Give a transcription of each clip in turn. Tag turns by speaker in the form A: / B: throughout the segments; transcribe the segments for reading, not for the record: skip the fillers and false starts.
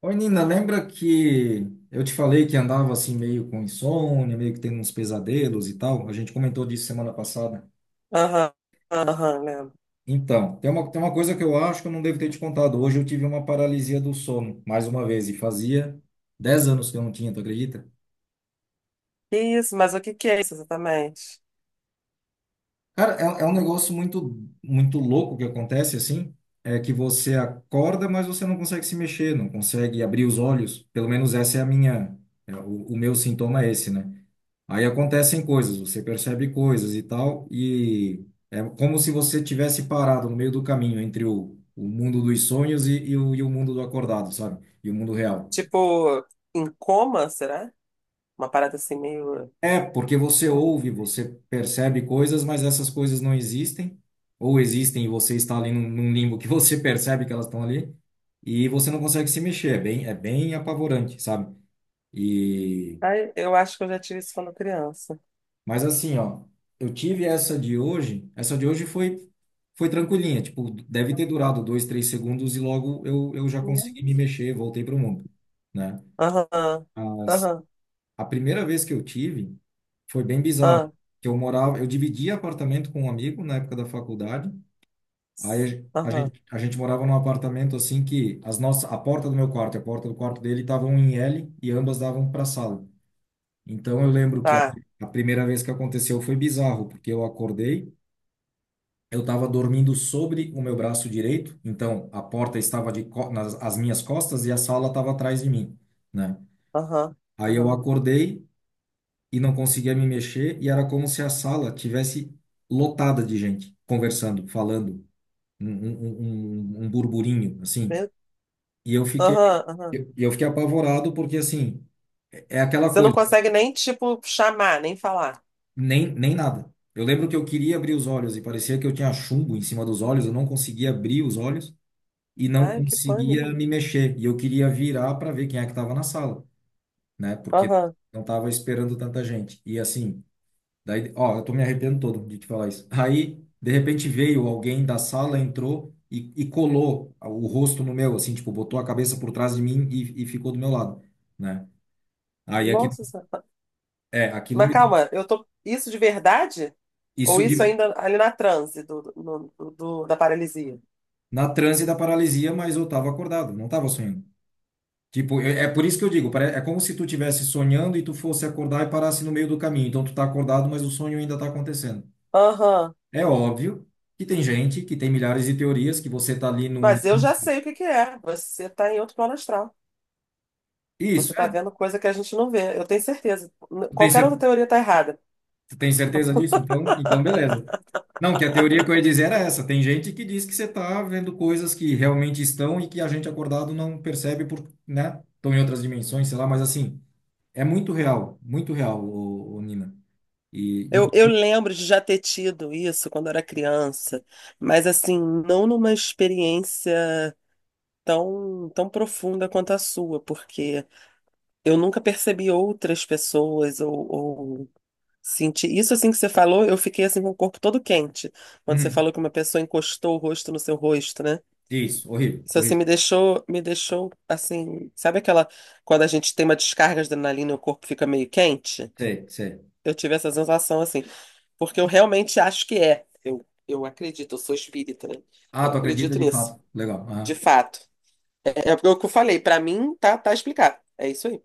A: Oi, Nina, lembra que eu te falei que andava assim meio com insônia, meio que tendo uns pesadelos e tal? A gente comentou disso semana passada.
B: Aham, aham, lembro.
A: Então, tem uma coisa que eu acho que eu não devo ter te contado. Hoje eu tive uma paralisia do sono, mais uma vez, e fazia 10 anos que eu não tinha, tu acredita?
B: Que isso, mas o que que é isso exatamente?
A: Cara, é um negócio muito, muito louco que acontece assim. É que você acorda, mas você não consegue se mexer, não consegue abrir os olhos. Pelo menos essa é a minha, o meu sintoma é esse, né? Aí acontecem coisas, você percebe coisas e tal, e é como se você tivesse parado no meio do caminho entre o mundo dos sonhos e o mundo do acordado, sabe? E o mundo real.
B: Tipo, em coma, será? Uma parada assim meio.
A: É, porque você ouve, você percebe coisas, mas essas coisas não existem, ou existem e você está ali num limbo que você percebe que elas estão ali, e você não consegue se mexer, é bem apavorante, sabe? E,
B: Ai, eu acho que eu já tive isso quando criança.
A: mas assim, ó, eu tive essa de hoje foi tranquilinha, tipo, deve ter durado dois, três segundos e logo eu já consegui
B: Mesmo?
A: me mexer, voltei para o mundo, né?
B: Aham, aham,
A: A primeira vez que eu tive foi bem bizarro,
B: aham,
A: que eu morava, eu dividia apartamento com um amigo na época da faculdade. Aí a
B: aham,
A: gente, a gente morava num apartamento assim que a porta do meu quarto e a porta do quarto dele estavam em L e ambas davam para a sala. Então eu lembro que a,
B: tá,
A: a primeira vez que aconteceu foi bizarro, porque eu acordei, eu estava dormindo sobre o meu braço direito, então a porta estava nas as minhas costas e a sala estava atrás de mim, né?
B: aham,
A: Aí eu
B: aham.
A: acordei e não conseguia me mexer, e era como se a sala tivesse lotada de gente conversando, falando, um burburinho, assim. E eu fiquei,
B: Aham, aham.
A: eu, eu fiquei apavorado porque, assim, é aquela
B: Você não
A: coisa,
B: consegue nem, tipo, chamar, nem falar.
A: nem nada. Eu lembro que eu queria abrir os olhos e parecia que eu tinha chumbo em cima dos olhos, eu não conseguia abrir os olhos e não
B: Ai, que
A: conseguia
B: pânico.
A: me mexer. E eu queria virar para ver quem é que estava na sala, né? Porque
B: Aham.
A: não estava esperando tanta gente. E assim, daí, ó, eu tô me arrependendo todo de te falar isso. Aí, de repente, veio alguém da sala, entrou e colou o rosto no meu, assim, tipo, botou a cabeça por trás de mim e ficou do meu lado, né? Aí aquilo,
B: Nossa Senhora.
A: aquilo
B: Mas
A: me.
B: calma, eu tô. Isso de verdade? Ou
A: Isso
B: isso
A: de,
B: ainda ali na transe da paralisia?
A: na transe da paralisia, mas eu tava acordado, não tava sonhando. Tipo, é por isso que eu digo, é como se tu tivesse sonhando e tu fosse acordar e parasse no meio do caminho. Então tu tá acordado, mas o sonho ainda tá acontecendo.
B: Aham.
A: É óbvio que tem gente que tem milhares de teorias, que você tá ali num.
B: Mas eu já sei o que que é. Você tá em outro plano astral.
A: Isso,
B: Você tá
A: é.
B: vendo coisa que a gente não vê. Eu tenho certeza.
A: Tem
B: Qualquer outra
A: certeza
B: teoria tá errada.
A: Você tem certeza disso? Então beleza. Não, que a teoria que eu ia dizer era essa. Tem gente que diz que você está vendo coisas que realmente estão e que a gente acordado não percebe por, né? Estão em outras dimensões, sei lá, mas assim, é muito real, muito real, ô, Nina. E,
B: Eu
A: inclusive.
B: lembro de já ter tido isso quando eu era criança, mas assim, não numa experiência tão profunda quanto a sua, porque eu nunca percebi outras pessoas ou senti. Isso assim que você falou, eu fiquei assim com o corpo todo quente, quando você
A: Uhum.
B: falou que uma pessoa encostou o rosto no seu rosto, né?
A: Isso, horrível,
B: Isso assim
A: horrível.
B: me deixou assim, sabe aquela quando a gente tem uma descarga de adrenalina e o corpo fica meio quente?
A: Sei, sei.
B: Eu tive essa sensação assim, porque eu realmente acho que é. Eu acredito, eu sou espírita, né?
A: Ah,
B: Então eu
A: tu acredita
B: acredito
A: de
B: nisso,
A: fato. Legal.
B: de
A: Aham.
B: fato. É porque o que eu falei, pra mim tá explicado. É isso aí.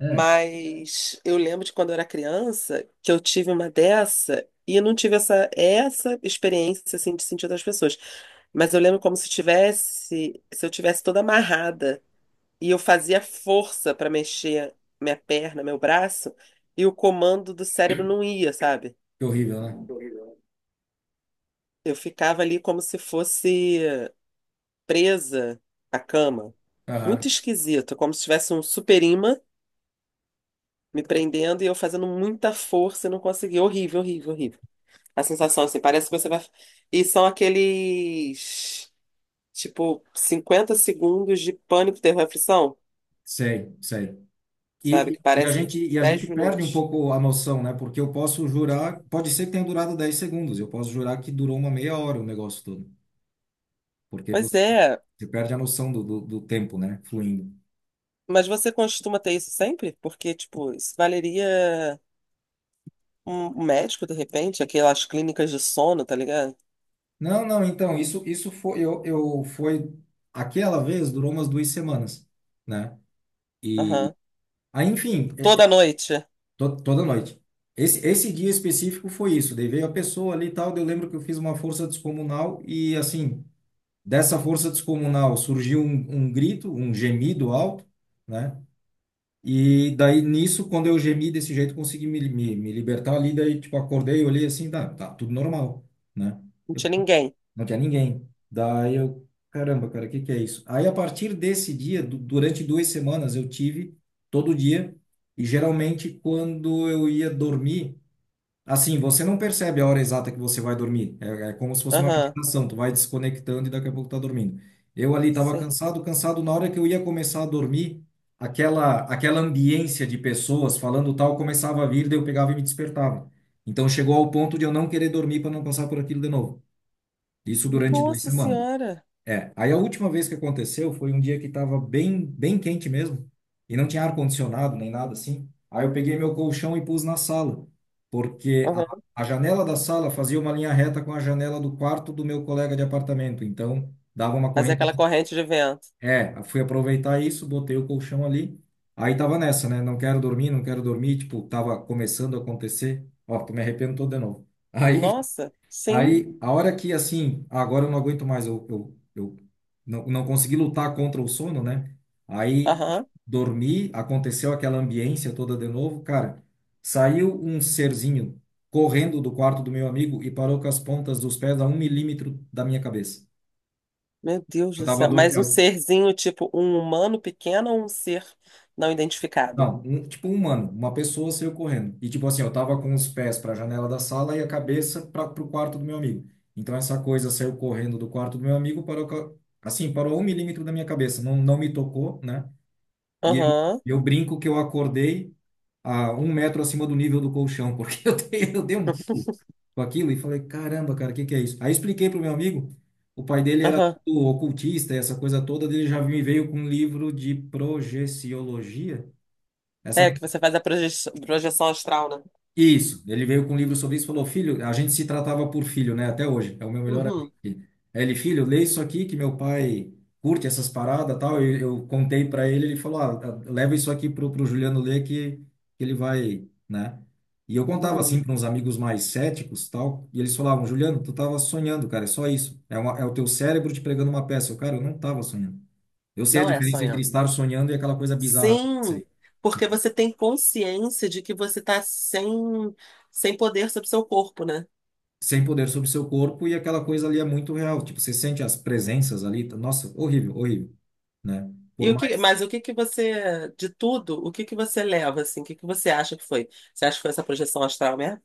A: É.
B: Mas eu lembro de quando eu era criança que eu tive uma dessa e eu não tive essa experiência assim de sentir outras pessoas. Mas eu lembro como se eu tivesse toda amarrada e eu fazia força pra mexer minha perna, meu braço, e o comando do cérebro não ia, sabe?
A: Que horrível, né?
B: Eu ficava ali como se fosse presa à cama. Muito
A: Aham.
B: esquisito, como se tivesse um super imã me prendendo e eu fazendo muita força e não consegui. Horrível, horrível, horrível. A sensação, assim, parece que você vai. E são aqueles, tipo, 50 segundos de pânico, terror e aflição,
A: Sei, sei.
B: sabe?
A: E,
B: Que
A: e a
B: parece
A: gente, e a
B: 10
A: gente perde um
B: minutos.
A: pouco a noção, né? Porque eu posso jurar, pode ser que tenha durado 10 segundos, eu posso jurar que durou uma meia hora o negócio todo, porque
B: Pois
A: você,
B: é,
A: você perde a noção do tempo, né? Fluindo.
B: mas você costuma ter isso sempre? Porque, tipo, isso valeria um médico, de repente, aquelas clínicas de sono, tá ligado?
A: Não, não, então, isso foi, eu, foi, aquela vez durou umas 2 semanas, né? E,
B: Aham.
A: aí, enfim,
B: Toda noite.
A: toda noite. Esse dia específico foi isso, daí veio a pessoa ali e tal, daí eu lembro que eu fiz uma força descomunal e, assim, dessa força descomunal surgiu um grito, um gemido alto, né? E daí nisso, quando eu gemi desse jeito, consegui me libertar ali. Daí, tipo, acordei, olhei assim, tá, tá tudo normal, né?
B: Não
A: Eu-
B: tinha ninguém.
A: Não tinha ninguém. Daí eu, caramba, cara, o que que é isso? Aí a partir desse dia, durante 2 semanas, eu tive todo dia. E geralmente, quando eu ia dormir, assim, você não percebe a hora exata que você vai dormir. É como se fosse uma
B: Aham.
A: meditação. Tu vai desconectando e daqui a pouco tá dormindo. Eu ali estava
B: Sim.
A: cansado, cansado. Na hora que eu ia começar a dormir, aquela ambiência de pessoas falando tal começava a vir, daí eu pegava e me despertava. Então chegou ao ponto de eu não querer dormir para não passar por aquilo de novo. Isso durante duas
B: Nossa
A: semanas.
B: Senhora.
A: É, aí a última vez que aconteceu foi um dia que estava bem, bem quente mesmo, e não tinha ar-condicionado nem nada assim. Aí eu peguei meu colchão e pus na sala, porque a,
B: Aham.
A: a janela da sala fazia uma linha reta com a janela do quarto do meu colega de apartamento, então dava uma
B: Fazer aquela
A: correnteza.
B: corrente de vento.
A: É, fui aproveitar isso, botei o colchão ali, aí tava nessa, né? Não quero dormir, não quero dormir, tipo, tava começando a acontecer. Ó, tô me arrependo todo de novo. Aí
B: Nossa, sim.
A: Aí, a hora que, assim, agora eu não aguento mais, eu não consegui lutar contra o sono, né? Aí,
B: Aham.
A: dormi, aconteceu aquela ambiência toda de novo, cara. Saiu um serzinho correndo do quarto do meu amigo e parou com as pontas dos pés a um milímetro da minha cabeça.
B: Meu Deus
A: Eu
B: do
A: tava,
B: céu.
A: dor...
B: Mas um
A: eu
B: serzinho, tipo um humano pequeno ou um ser não identificado?
A: Não, tipo um humano, uma pessoa saiu correndo. E tipo assim, eu tava com os pés para a janela da sala e a cabeça para pro quarto do meu amigo. Então essa coisa saiu correndo do quarto do meu amigo, parou assim, parou um milímetro da minha cabeça, não me tocou, né? E eu,
B: Aham.
A: eu brinco que eu acordei a um metro acima do nível do colchão, porque eu dei um pulo com aquilo e falei, caramba, cara, o que que é isso? Aí expliquei pro meu amigo, o pai dele era
B: Aham.
A: todo ocultista, essa coisa toda, ele já me veio com um livro de projeciologia. Essa
B: É que você faz a projeção astral, né?
A: Isso, ele veio com um livro sobre isso e falou: filho, a gente se tratava por filho, né? Até hoje, é o meu melhor amigo.
B: Uhum.
A: Aí ele, filho, lê isso aqui que meu pai curte essas paradas tal. Eu contei para ele, ele falou: ah, tá, leva isso aqui pro Juliano ler que ele vai, né? E eu contava
B: Uhum.
A: assim para uns amigos mais céticos tal, e eles falavam: Juliano, tu tava sonhando, cara, é só isso. É o teu cérebro te pregando uma peça. Eu, cara, eu não tava sonhando. Eu sei a
B: Não é
A: diferença entre
B: sonhando.
A: estar sonhando e aquela coisa bizarra que eu
B: Sim,
A: sei.
B: porque você tem consciência de que você está sem poder sobre seu corpo, né?
A: Sem poder sobre seu corpo e aquela coisa ali é muito real. Tipo, você sente as presenças ali. Nossa, horrível, horrível, né?
B: E
A: Por
B: o que,
A: mais.
B: mas o que que você, de tudo, o que que você leva, assim? O que que você acha que foi? Você acha que foi essa projeção astral mesmo?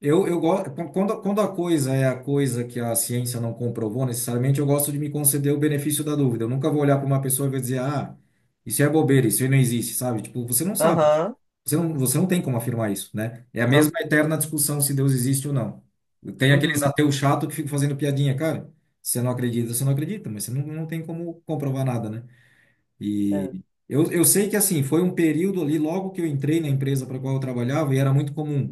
A: Eu gosto. Quando a coisa é a coisa que a ciência não comprovou necessariamente, eu gosto de me conceder o benefício da dúvida. Eu nunca vou olhar para uma pessoa e vou dizer, ah, isso é bobeira, isso aí não existe, sabe? Tipo, você não sabe.
B: Aham,
A: Você não tem como afirmar isso, né? É a
B: não.
A: mesma eterna discussão se Deus existe ou não. Tem aqueles
B: Uhum,
A: ateus chato que ficam fazendo piadinha, cara. Você não acredita, mas você não tem como comprovar nada, né? E
B: é.
A: eu, eu sei que assim, foi um período ali, logo que eu entrei na empresa para qual eu trabalhava, e era muito comum.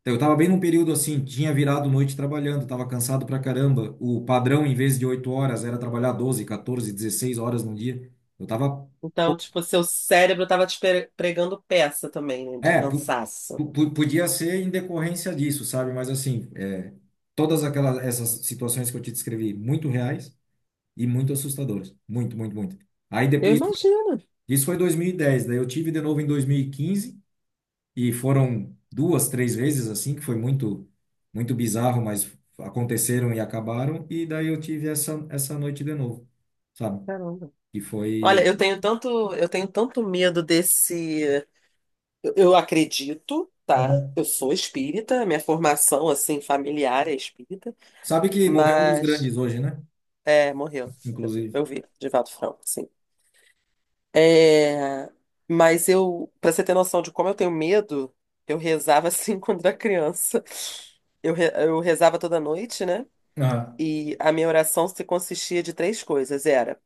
A: Então, eu estava bem num período assim, tinha virado noite trabalhando, estava cansado pra caramba. O padrão, em vez de 8 horas, era trabalhar 12, 14, 16 horas no dia. Eu tava.
B: Então, tipo, seu cérebro tava te pregando peça também, né, de
A: É,
B: cansaço.
A: podia ser em decorrência disso, sabe? Mas assim, é, todas aquelas essas situações que eu te descrevi, muito reais e muito assustadoras. Muito, muito, muito. Aí
B: Eu
A: depois, isso,
B: imagino,
A: isso foi 2010. Daí eu tive de novo em 2015. E foram duas, três vezes assim, que foi muito, muito bizarro, mas aconteceram e acabaram. E daí eu tive essa noite de novo, sabe?
B: caramba.
A: Que
B: Olha,
A: foi.
B: eu tenho tanto medo desse. Eu acredito, tá?
A: Aham.
B: Eu sou espírita, minha formação assim familiar é espírita,
A: Sabe que morreu um dos
B: mas
A: grandes hoje, né?
B: é, morreu.
A: Inclusive.
B: Eu vi, Divaldo Franco, sim. É, mas pra você ter noção de como eu tenho medo, eu rezava assim quando era criança. Eu rezava toda noite, né?
A: Aham.
B: E a minha oração se consistia de três coisas. Era,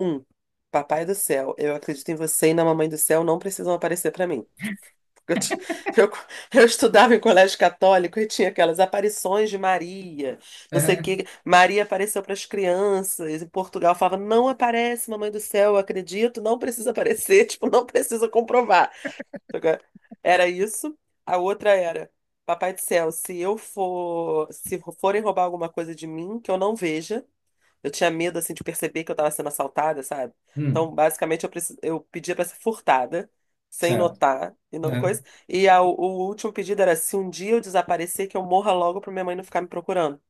B: um, Papai do céu, eu acredito em você e na Mamãe do céu não precisam aparecer pra mim. Eu, ti- eu, eu estudava em colégio católico e tinha aquelas aparições de Maria,
A: É,
B: não sei o
A: né?
B: que. Maria apareceu para as crianças, em Portugal falava, não aparece, mamãe do céu, eu acredito, não precisa aparecer, tipo, não precisa comprovar. Sacou? Era isso. A outra era, papai do céu, se forem roubar alguma coisa de mim, que eu não veja. Eu tinha medo, assim, de perceber que eu tava sendo assaltada, sabe?
A: Hum,
B: Então, basicamente, eu pedia pra ser furtada, sem
A: certo.
B: notar, e não
A: É.
B: coisa. O último pedido era, se um dia eu desaparecer, que eu morra logo pra minha mãe não ficar me procurando.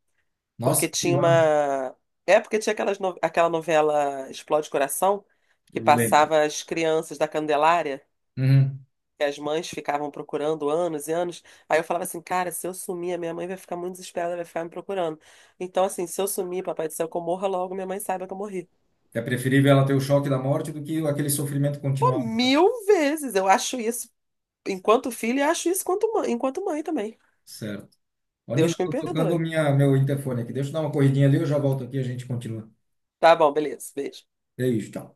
B: Porque
A: Nossa, que
B: tinha
A: bizarro.
B: uma. É, porque tinha aquelas no- aquela novela Explode Coração, que
A: Eu lembro.
B: passava as crianças da Candelária,
A: Uhum.
B: que as mães ficavam procurando anos e anos. Aí eu falava assim, cara, se eu sumir, a minha mãe vai ficar muito desesperada, vai ficar me procurando. Então, assim, se eu sumir, papai do céu, que eu morra logo, minha mãe saiba que eu morri.
A: É preferível ela ter o choque da morte do que aquele sofrimento
B: Pô,
A: continuado, né?
B: mil vezes. Eu acho isso enquanto filho e acho isso enquanto mãe também.
A: Certo. Ô, Nina,
B: Deus que me
A: tô tocando
B: perdoe.
A: meu interfone aqui. Deixa eu dar uma corridinha ali, eu já volto aqui e a gente continua.
B: Tá bom, beleza. Beijo.
A: É isso, tchau.